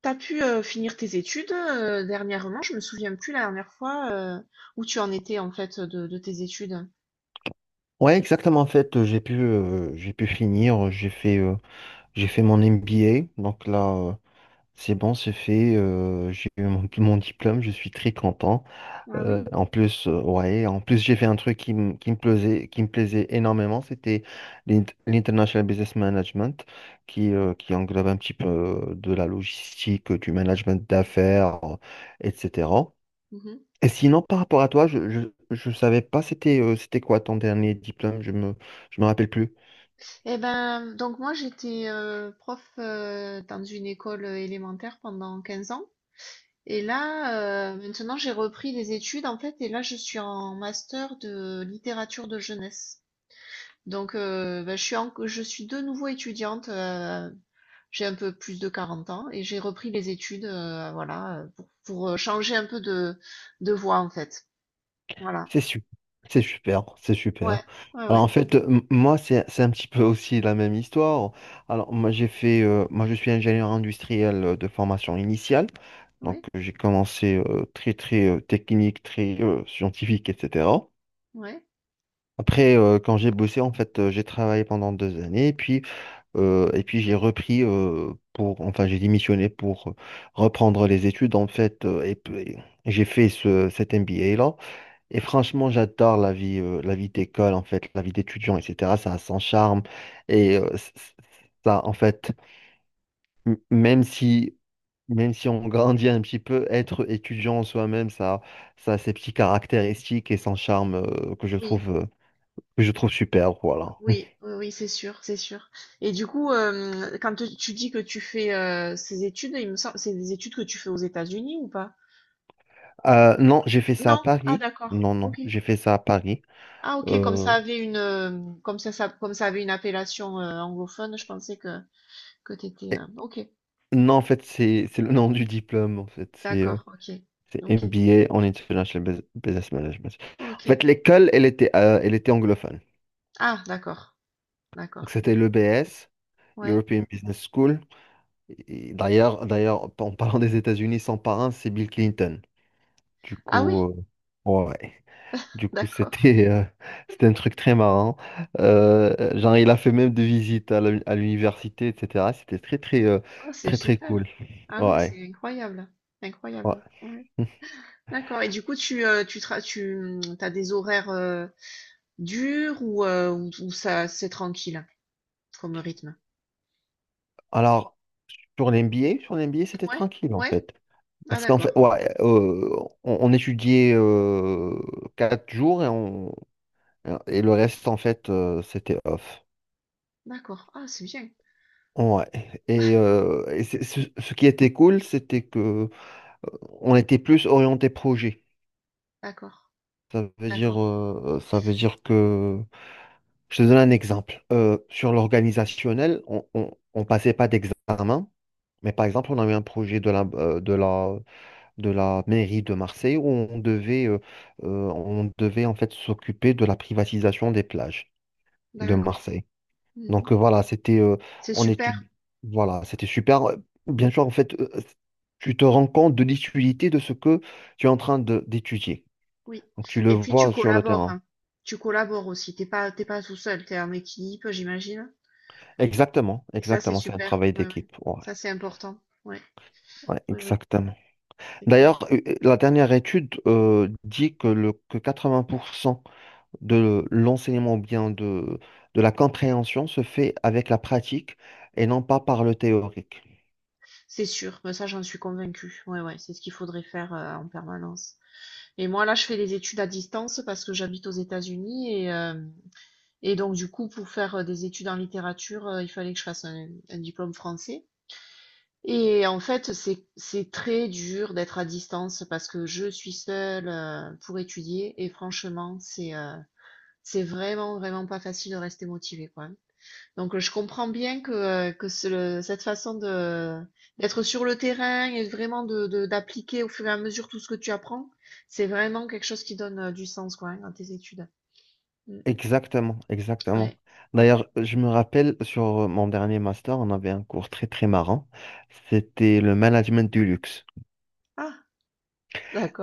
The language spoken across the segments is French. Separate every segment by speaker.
Speaker 1: T'as pu finir tes études dernièrement? Je me souviens plus la dernière fois où tu en étais en fait de tes études.
Speaker 2: Ouais, exactement. En fait, j'ai pu finir. J'ai fait mon MBA. Donc là, c'est bon, c'est fait. J'ai eu mon diplôme. Je suis très content. Ouais, en plus, j'ai fait un truc qui me plaisait énormément. C'était l'International Business Management, qui englobe un petit peu de la logistique, du management d'affaires, etc.
Speaker 1: Mhm.
Speaker 2: Et sinon, par rapport à toi, je savais pas c'était c'était quoi ton dernier diplôme, je me rappelle plus.
Speaker 1: Eh ben, donc moi j'étais prof dans une école élémentaire pendant 15 ans. Et là, maintenant j'ai repris des études en fait, et là je suis en master de littérature de jeunesse. Donc, je suis de nouveau étudiante. J'ai un peu plus de 40 ans et j'ai repris les études, voilà, pour changer un peu de voie en fait. Voilà.
Speaker 2: C'est super, c'est super, c'est
Speaker 1: Ouais,
Speaker 2: super.
Speaker 1: ouais,
Speaker 2: Alors
Speaker 1: ouais,
Speaker 2: en fait, moi, c'est un petit peu aussi la même histoire. Alors moi, moi, je suis ingénieur industriel de formation initiale. Donc
Speaker 1: ouais,
Speaker 2: j'ai commencé très, très technique, très scientifique, etc.
Speaker 1: ouais.
Speaker 2: Après, quand j'ai bossé, en fait, j'ai travaillé pendant deux années. Et puis j'ai repris pour, enfin j'ai démissionné pour reprendre les études en fait et j'ai fait cet MBA là. Et franchement j'adore la vie d'école en fait, la vie d'étudiant etc. Ça a son charme et ça en fait même si même si on grandit un petit peu, être étudiant en soi-même ça, ça a ses petits caractéristiques et son charme
Speaker 1: Oui,
Speaker 2: que je trouve super, voilà.
Speaker 1: oui, oui, oui, c'est sûr, c'est sûr. Et du coup, quand tu dis que tu fais ces études, il me semble, c'est des études que tu fais aux États-Unis ou pas?
Speaker 2: Non, j'ai fait ça à
Speaker 1: Non? Ah,
Speaker 2: Paris.
Speaker 1: d'accord.
Speaker 2: Non non,
Speaker 1: Ok.
Speaker 2: j'ai fait ça à Paris.
Speaker 1: Ah, ok. Comme
Speaker 2: Euh,
Speaker 1: ça avait comme ça, comme ça avait une appellation anglophone, je pensais que. Que tu étais,
Speaker 2: et-
Speaker 1: OK,
Speaker 2: non, en fait, c'est le nom du diplôme, en fait.
Speaker 1: d'accord, OK,
Speaker 2: C'est
Speaker 1: OK,
Speaker 2: MBA en Business Management. En
Speaker 1: OK.
Speaker 2: fait, l'école, elle était anglophone.
Speaker 1: Ah d'accord,
Speaker 2: Donc,
Speaker 1: d'accord.
Speaker 2: c'était le l'EBS,
Speaker 1: Ouais.
Speaker 2: European Business School. D'ailleurs, en parlant des États-Unis, son parrain, c'est Bill Clinton. Du
Speaker 1: Ah
Speaker 2: coup,
Speaker 1: oui,
Speaker 2: ouais. Du coup,
Speaker 1: d'accord.
Speaker 2: c'était c'était un truc très marrant. Genre, il a fait même des visites à l'université, etc. C'était
Speaker 1: Oh c'est
Speaker 2: très, très
Speaker 1: super.
Speaker 2: cool.
Speaker 1: Ah ouais,
Speaker 2: Ouais.
Speaker 1: c'est incroyable,
Speaker 2: Ouais.
Speaker 1: incroyable. Ouais. D'accord et du coup tu tra tu, mmh, as des horaires, durs ou, ou ça c'est tranquille comme rythme?
Speaker 2: Alors, sur l'MBA, sur l'MBA, c'était
Speaker 1: Ouais,
Speaker 2: tranquille en
Speaker 1: ouais?
Speaker 2: fait.
Speaker 1: Ah
Speaker 2: Parce qu'en
Speaker 1: d'accord,
Speaker 2: fait, on étudiait quatre jours et, et le reste, en fait, c'était off.
Speaker 1: d'accord. Ah c'est bien.
Speaker 2: Ouais. Et, ce qui était cool, c'était que euh, on était plus orienté projet.
Speaker 1: D'accord, d'accord,
Speaker 2: Ça veut dire que, je te donne un exemple. Sur l'organisationnel, on passait pas d'examen, mais par exemple, on avait un projet de de la mairie de Marseille où on devait en fait s'occuper de la privatisation des plages de
Speaker 1: d'accord.
Speaker 2: Marseille.
Speaker 1: Mmh.
Speaker 2: Donc voilà, c'était
Speaker 1: C'est
Speaker 2: on
Speaker 1: super.
Speaker 2: étudie, voilà, c'était super. Bien sûr, en fait, tu te rends compte de l'utilité de ce que tu es d'étudier.
Speaker 1: Oui.
Speaker 2: Donc tu le
Speaker 1: Et puis tu
Speaker 2: vois sur le
Speaker 1: collabores,
Speaker 2: terrain.
Speaker 1: hein. Tu collabores aussi. T'es pas tout seul. T'es en équipe, j'imagine.
Speaker 2: Exactement,
Speaker 1: Et ça, c'est
Speaker 2: exactement, c'est un
Speaker 1: super.
Speaker 2: travail
Speaker 1: Ouais, ouais.
Speaker 2: d'équipe. Ouais,
Speaker 1: Ça, c'est important. Ouais.
Speaker 2: ouais,
Speaker 1: Oui, oui.
Speaker 2: exactement.
Speaker 1: C'est clair.
Speaker 2: D'ailleurs, la dernière étude dit que 80% de l'enseignement ou bien de la compréhension se fait avec la pratique et non pas par le théorique.
Speaker 1: C'est sûr. Ben, ça, j'en suis convaincue. Ouais, ouais. C'est ce qu'il faudrait faire en permanence. Et moi, là, je fais des études à distance parce que j'habite aux États-Unis et donc, du coup, pour faire des études en littérature, il fallait que je fasse un diplôme français. Et en fait, c'est très dur d'être à distance parce que je suis seule pour étudier et franchement, c'est vraiment vraiment pas facile de rester motivée quoi. Donc je comprends bien que cette façon de d'être sur le terrain et vraiment de d'appliquer au fur et à mesure tout ce que tu apprends, c'est vraiment quelque chose qui donne du sens quoi hein, à tes études. Mm.
Speaker 2: Exactement, exactement.
Speaker 1: Ouais. Ouais.
Speaker 2: D'ailleurs, je me rappelle sur mon dernier master, on avait un cours très très marrant. C'était le management du luxe.
Speaker 1: Ah,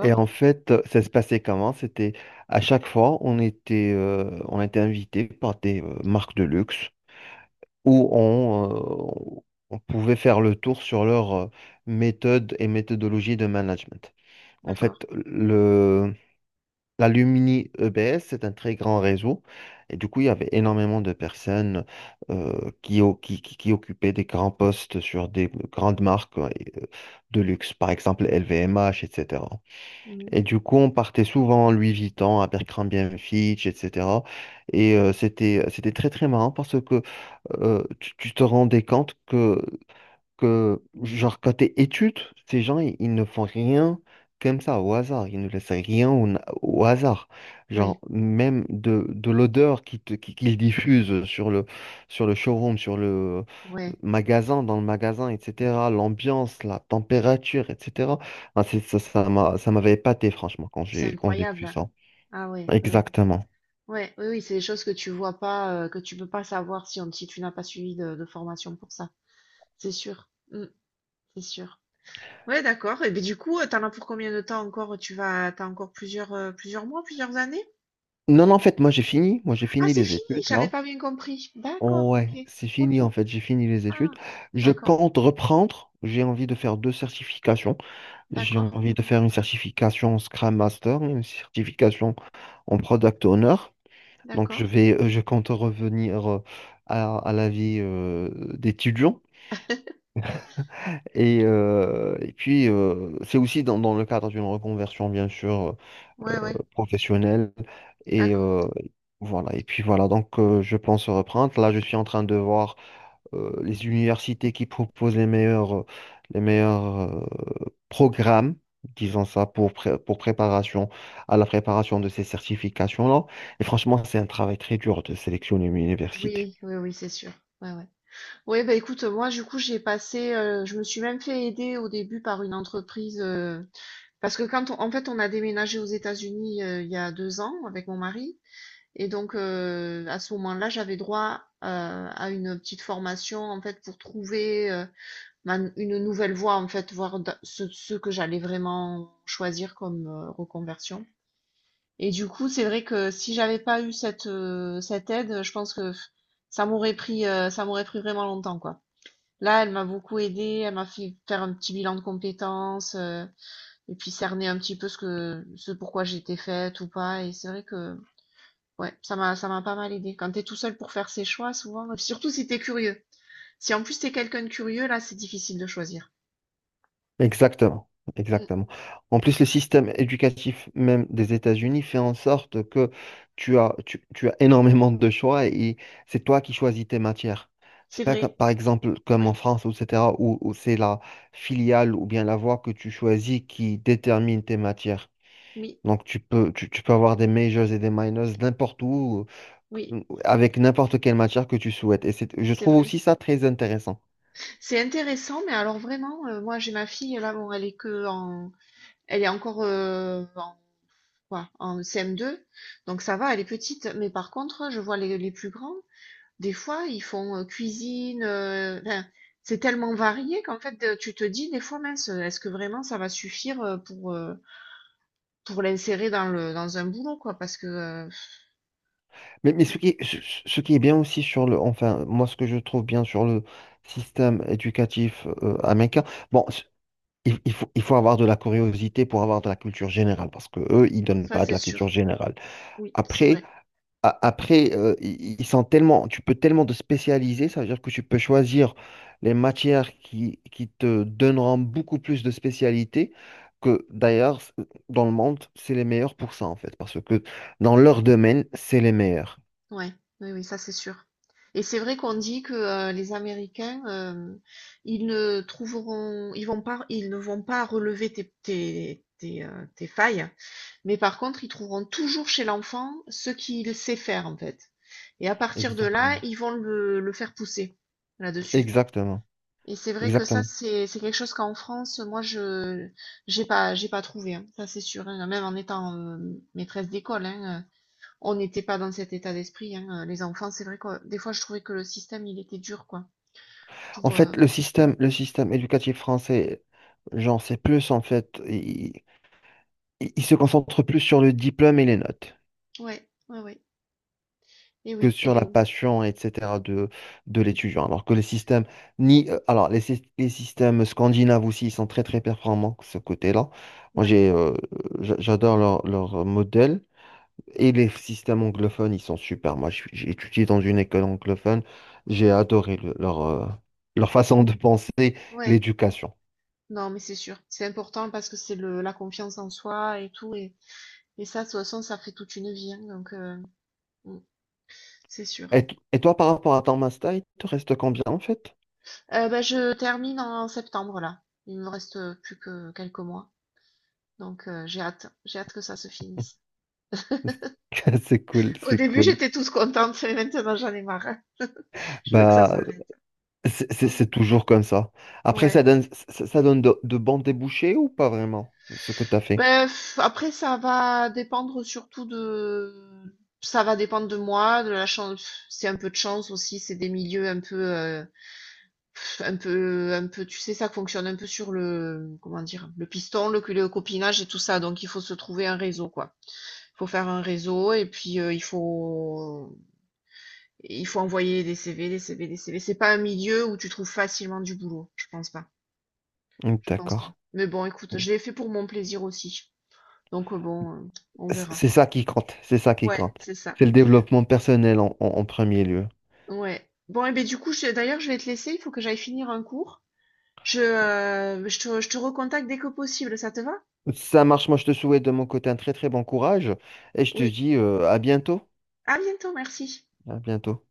Speaker 2: Et en fait, ça se passait comment? C'était à chaque fois, on était invité par des marques de luxe où euh, on pouvait faire le tour sur leur méthode et méthodologie de management. En
Speaker 1: d'accord.
Speaker 2: fait, l'Alumni EBS, c'est un très grand réseau. Et du coup, il y avait énormément de personnes qui, o- qui, qui occupaient des grands postes sur des grandes marques de luxe, par exemple LVMH, etc. Et cetera.
Speaker 1: Mm.
Speaker 2: Et du coup, on partait souvent en Louis Vuitton, à Abercrombie Fitch, etc. Et c'était très, très marrant parce que tu te rendais compte que genre, côté études, ils ne font rien comme ça, au hasard. Ils ne laissent rien au hasard.
Speaker 1: Ouais,
Speaker 2: Genre, même de l'odeur qu'ils diffusent sur le showroom, sur le
Speaker 1: ouais.
Speaker 2: magasin, dans le magasin, etc. L'ambiance, la température, etc. Ça ça m'avait épaté, franchement,
Speaker 1: C'est
Speaker 2: quand j'ai vu
Speaker 1: incroyable.
Speaker 2: ça.
Speaker 1: Ah ouais, ouais, ouais.
Speaker 2: Exactement.
Speaker 1: Ouais, oui, oui, c'est des choses que tu vois pas, que tu peux pas savoir si, si tu n'as pas suivi de formation pour ça. C'est sûr. Mm, c'est sûr. Ouais, d'accord. Et bien du coup, t'en as pour combien de temps encore? Tu vas, t'as encore plusieurs, plusieurs mois, plusieurs années?
Speaker 2: Non, non, en fait, moi, j'ai fini. Moi, j'ai
Speaker 1: Ah,
Speaker 2: fini
Speaker 1: c'est
Speaker 2: les
Speaker 1: fini.
Speaker 2: études,
Speaker 1: J'avais
Speaker 2: là.
Speaker 1: pas bien compris. D'accord. Ok.
Speaker 2: Ouais, c'est fini
Speaker 1: Ok.
Speaker 2: en fait, j'ai fini les études.
Speaker 1: Ah,
Speaker 2: Je
Speaker 1: d'accord.
Speaker 2: compte reprendre. J'ai envie de faire deux certifications. J'ai
Speaker 1: D'accord.
Speaker 2: envie de faire une certification en Scrum Master, une certification en Product Owner. Donc
Speaker 1: D'accord.
Speaker 2: je vais, je compte revenir à la vie d'étudiant. Et puis c'est aussi dans le cadre d'une reconversion bien sûr
Speaker 1: Ouais, ouais.
Speaker 2: professionnelle. Et
Speaker 1: D'accord.
Speaker 2: voilà. Et puis voilà. Donc je pense reprendre. Là, je suis en train de voir les universités qui proposent les meilleurs programmes, disons ça, pour préparation à la préparation de ces certifications-là. Et franchement, c'est un travail très dur de sélectionner une université.
Speaker 1: Oui, oui, oui, c'est sûr. Ouais, ouais. Oui, bah écoute, moi, du coup, j'ai passé, je me suis même fait aider au début par une entreprise. Parce que quand en fait, on a déménagé aux États-Unis il y a 2 ans avec mon mari, et donc à ce moment-là, j'avais droit à une petite formation en fait pour trouver une nouvelle voie en fait, ce, ce que j'allais vraiment choisir comme reconversion. Et du coup, c'est vrai que si j'avais pas eu cette aide, je pense que ça m'aurait pris vraiment longtemps quoi. Là, elle m'a beaucoup aidée, elle m'a fait faire un petit bilan de compétences. Et puis cerner un petit peu ce que ce pourquoi j'étais faite ou pas et c'est vrai que ouais ça m'a pas mal aidé quand t'es tout seul pour faire ses choix souvent surtout si t'es curieux si en plus t'es quelqu'un de curieux là c'est difficile de choisir.
Speaker 2: Exactement,
Speaker 1: Mm.
Speaker 2: exactement. En plus, le système éducatif même des États-Unis fait en sorte que tu as énormément de choix et c'est toi qui choisis tes matières. C'est
Speaker 1: C'est
Speaker 2: pas comme-
Speaker 1: vrai.
Speaker 2: par exemple comme en
Speaker 1: Oui,
Speaker 2: France, etc., où c'est la filiale ou bien la voie que tu choisis qui détermine tes matières.
Speaker 1: oui,
Speaker 2: Donc tu peux avoir des majors et des minors n'importe où,
Speaker 1: oui,
Speaker 2: avec n'importe quelle matière que tu souhaites. Et c'est, je
Speaker 1: c'est
Speaker 2: trouve
Speaker 1: vrai,
Speaker 2: aussi ça très intéressant.
Speaker 1: c'est intéressant mais alors vraiment moi j'ai ma fille là bon elle est encore en quoi en CM2 donc ça va elle est petite mais par contre je vois les plus grands. Des fois, ils font, cuisine, enfin, c'est tellement varié qu'en fait, tu te dis des fois: «Mince, est-ce que vraiment ça va suffire, pour l'insérer dans le dans un boulot, quoi?» parce que, heu,
Speaker 2: Mais ce qui est bien aussi sur le, enfin, moi, ce que je trouve bien sur le système éducatif américain, bon, c- il, il faut avoir de la curiosité pour avoir de la culture générale, parce que eux, ils donnent
Speaker 1: ça
Speaker 2: pas de
Speaker 1: c'est
Speaker 2: la
Speaker 1: sûr.
Speaker 2: culture générale.
Speaker 1: Oui, c'est
Speaker 2: Après,
Speaker 1: vrai.
Speaker 2: ils sont tellement, tu peux tellement te spécialiser, ça veut dire que tu peux choisir les matières qui te donneront beaucoup plus de spécialité, que d'ailleurs, dans le monde, c'est les meilleurs pour ça, en fait, parce que dans leur domaine, c'est les meilleurs.
Speaker 1: Ouais, oui, oui, ça c'est sûr et c'est vrai qu'on dit que, les Américains, ils ne vont pas relever tes, tes failles. Mais par contre, ils trouveront toujours chez l'enfant ce qu'il sait faire en fait. Et à partir de là,
Speaker 2: Exactement.
Speaker 1: ils vont le faire pousser là-dessus.
Speaker 2: Exactement,
Speaker 1: Et c'est vrai que ça,
Speaker 2: exactement.
Speaker 1: c'est quelque chose qu'en France, moi, je j'ai pas trouvé, hein. Ça, c'est sûr, hein. Même en étant maîtresse d'école, hein, on n'était pas dans cet état d'esprit, hein. Les enfants, c'est vrai que des fois, je trouvais que le système, il était dur, quoi.
Speaker 2: En
Speaker 1: Pour
Speaker 2: fait, le système éducatif français, genre, c'est plus en fait, il se concentre plus sur le diplôme et les notes
Speaker 1: ouais, ouais, ouais. Et
Speaker 2: que
Speaker 1: oui,
Speaker 2: sur la
Speaker 1: Hélène.
Speaker 2: passion, etc. De l'étudiant. Alors que les systèmes, ni, alors les, syst- les systèmes scandinaves aussi, ils sont très très performants de ce côté-là. Moi,
Speaker 1: Ouais,
Speaker 2: j'adore leur modèle. Et les systèmes anglophones, ils sont super. Moi, j'ai étudié dans une école anglophone. J'ai adoré leur, leur façon de
Speaker 1: ouais,
Speaker 2: penser,
Speaker 1: ouais.
Speaker 2: l'éducation.
Speaker 1: Non, mais c'est sûr. C'est important parce que c'est le la confiance en soi et tout. Et ça, de toute façon, ça fait toute une vie, hein, donc, mm, c'est sûr.
Speaker 2: Et, et toi, par rapport à ton master, il te reste combien en fait?
Speaker 1: Ben, je termine en septembre, là. Il me reste plus que quelques mois. Donc, j'ai hâte. J'ai hâte que ça se finisse.
Speaker 2: C'est cool,
Speaker 1: Au
Speaker 2: c'est
Speaker 1: début,
Speaker 2: cool.
Speaker 1: j'étais toute contente, mais maintenant, j'en ai marre. Je veux que ça
Speaker 2: Bah,
Speaker 1: s'arrête.
Speaker 2: c'est toujours comme ça. Après,
Speaker 1: Ouais.
Speaker 2: ça, ça donne de bons débouchés ou pas vraiment, ce que tu as fait?
Speaker 1: Ben, pff, après, ça va dépendre surtout de... Ça va dépendre de moi, de la chance. C'est un peu de chance aussi. C'est des milieux un peu... Un peu tu sais, ça fonctionne un peu sur le comment dire? Le piston, le copinage et tout ça, donc il faut se trouver un réseau, quoi. Il faut faire un réseau et puis, il faut envoyer des CV, des CV, des CV. C'est pas un milieu où tu trouves facilement du boulot, je pense pas,
Speaker 2: Mm,
Speaker 1: je pense pas.
Speaker 2: d'accord.
Speaker 1: Mais bon, écoute, je l'ai fait pour mon plaisir aussi, donc bon, on verra.
Speaker 2: C'est ça qui compte, c'est ça qui
Speaker 1: Ouais,
Speaker 2: compte.
Speaker 1: c'est ça.
Speaker 2: C'est le développement personnel en, en premier lieu.
Speaker 1: Ouais. Bon et ben du coup, je vais te laisser, il faut que j'aille finir un cours. Je te recontacte dès que possible, ça te va?
Speaker 2: Ça marche, moi je te souhaite de mon côté un très très bon courage et je te
Speaker 1: Oui.
Speaker 2: dis à bientôt.
Speaker 1: À bientôt, merci.
Speaker 2: À bientôt.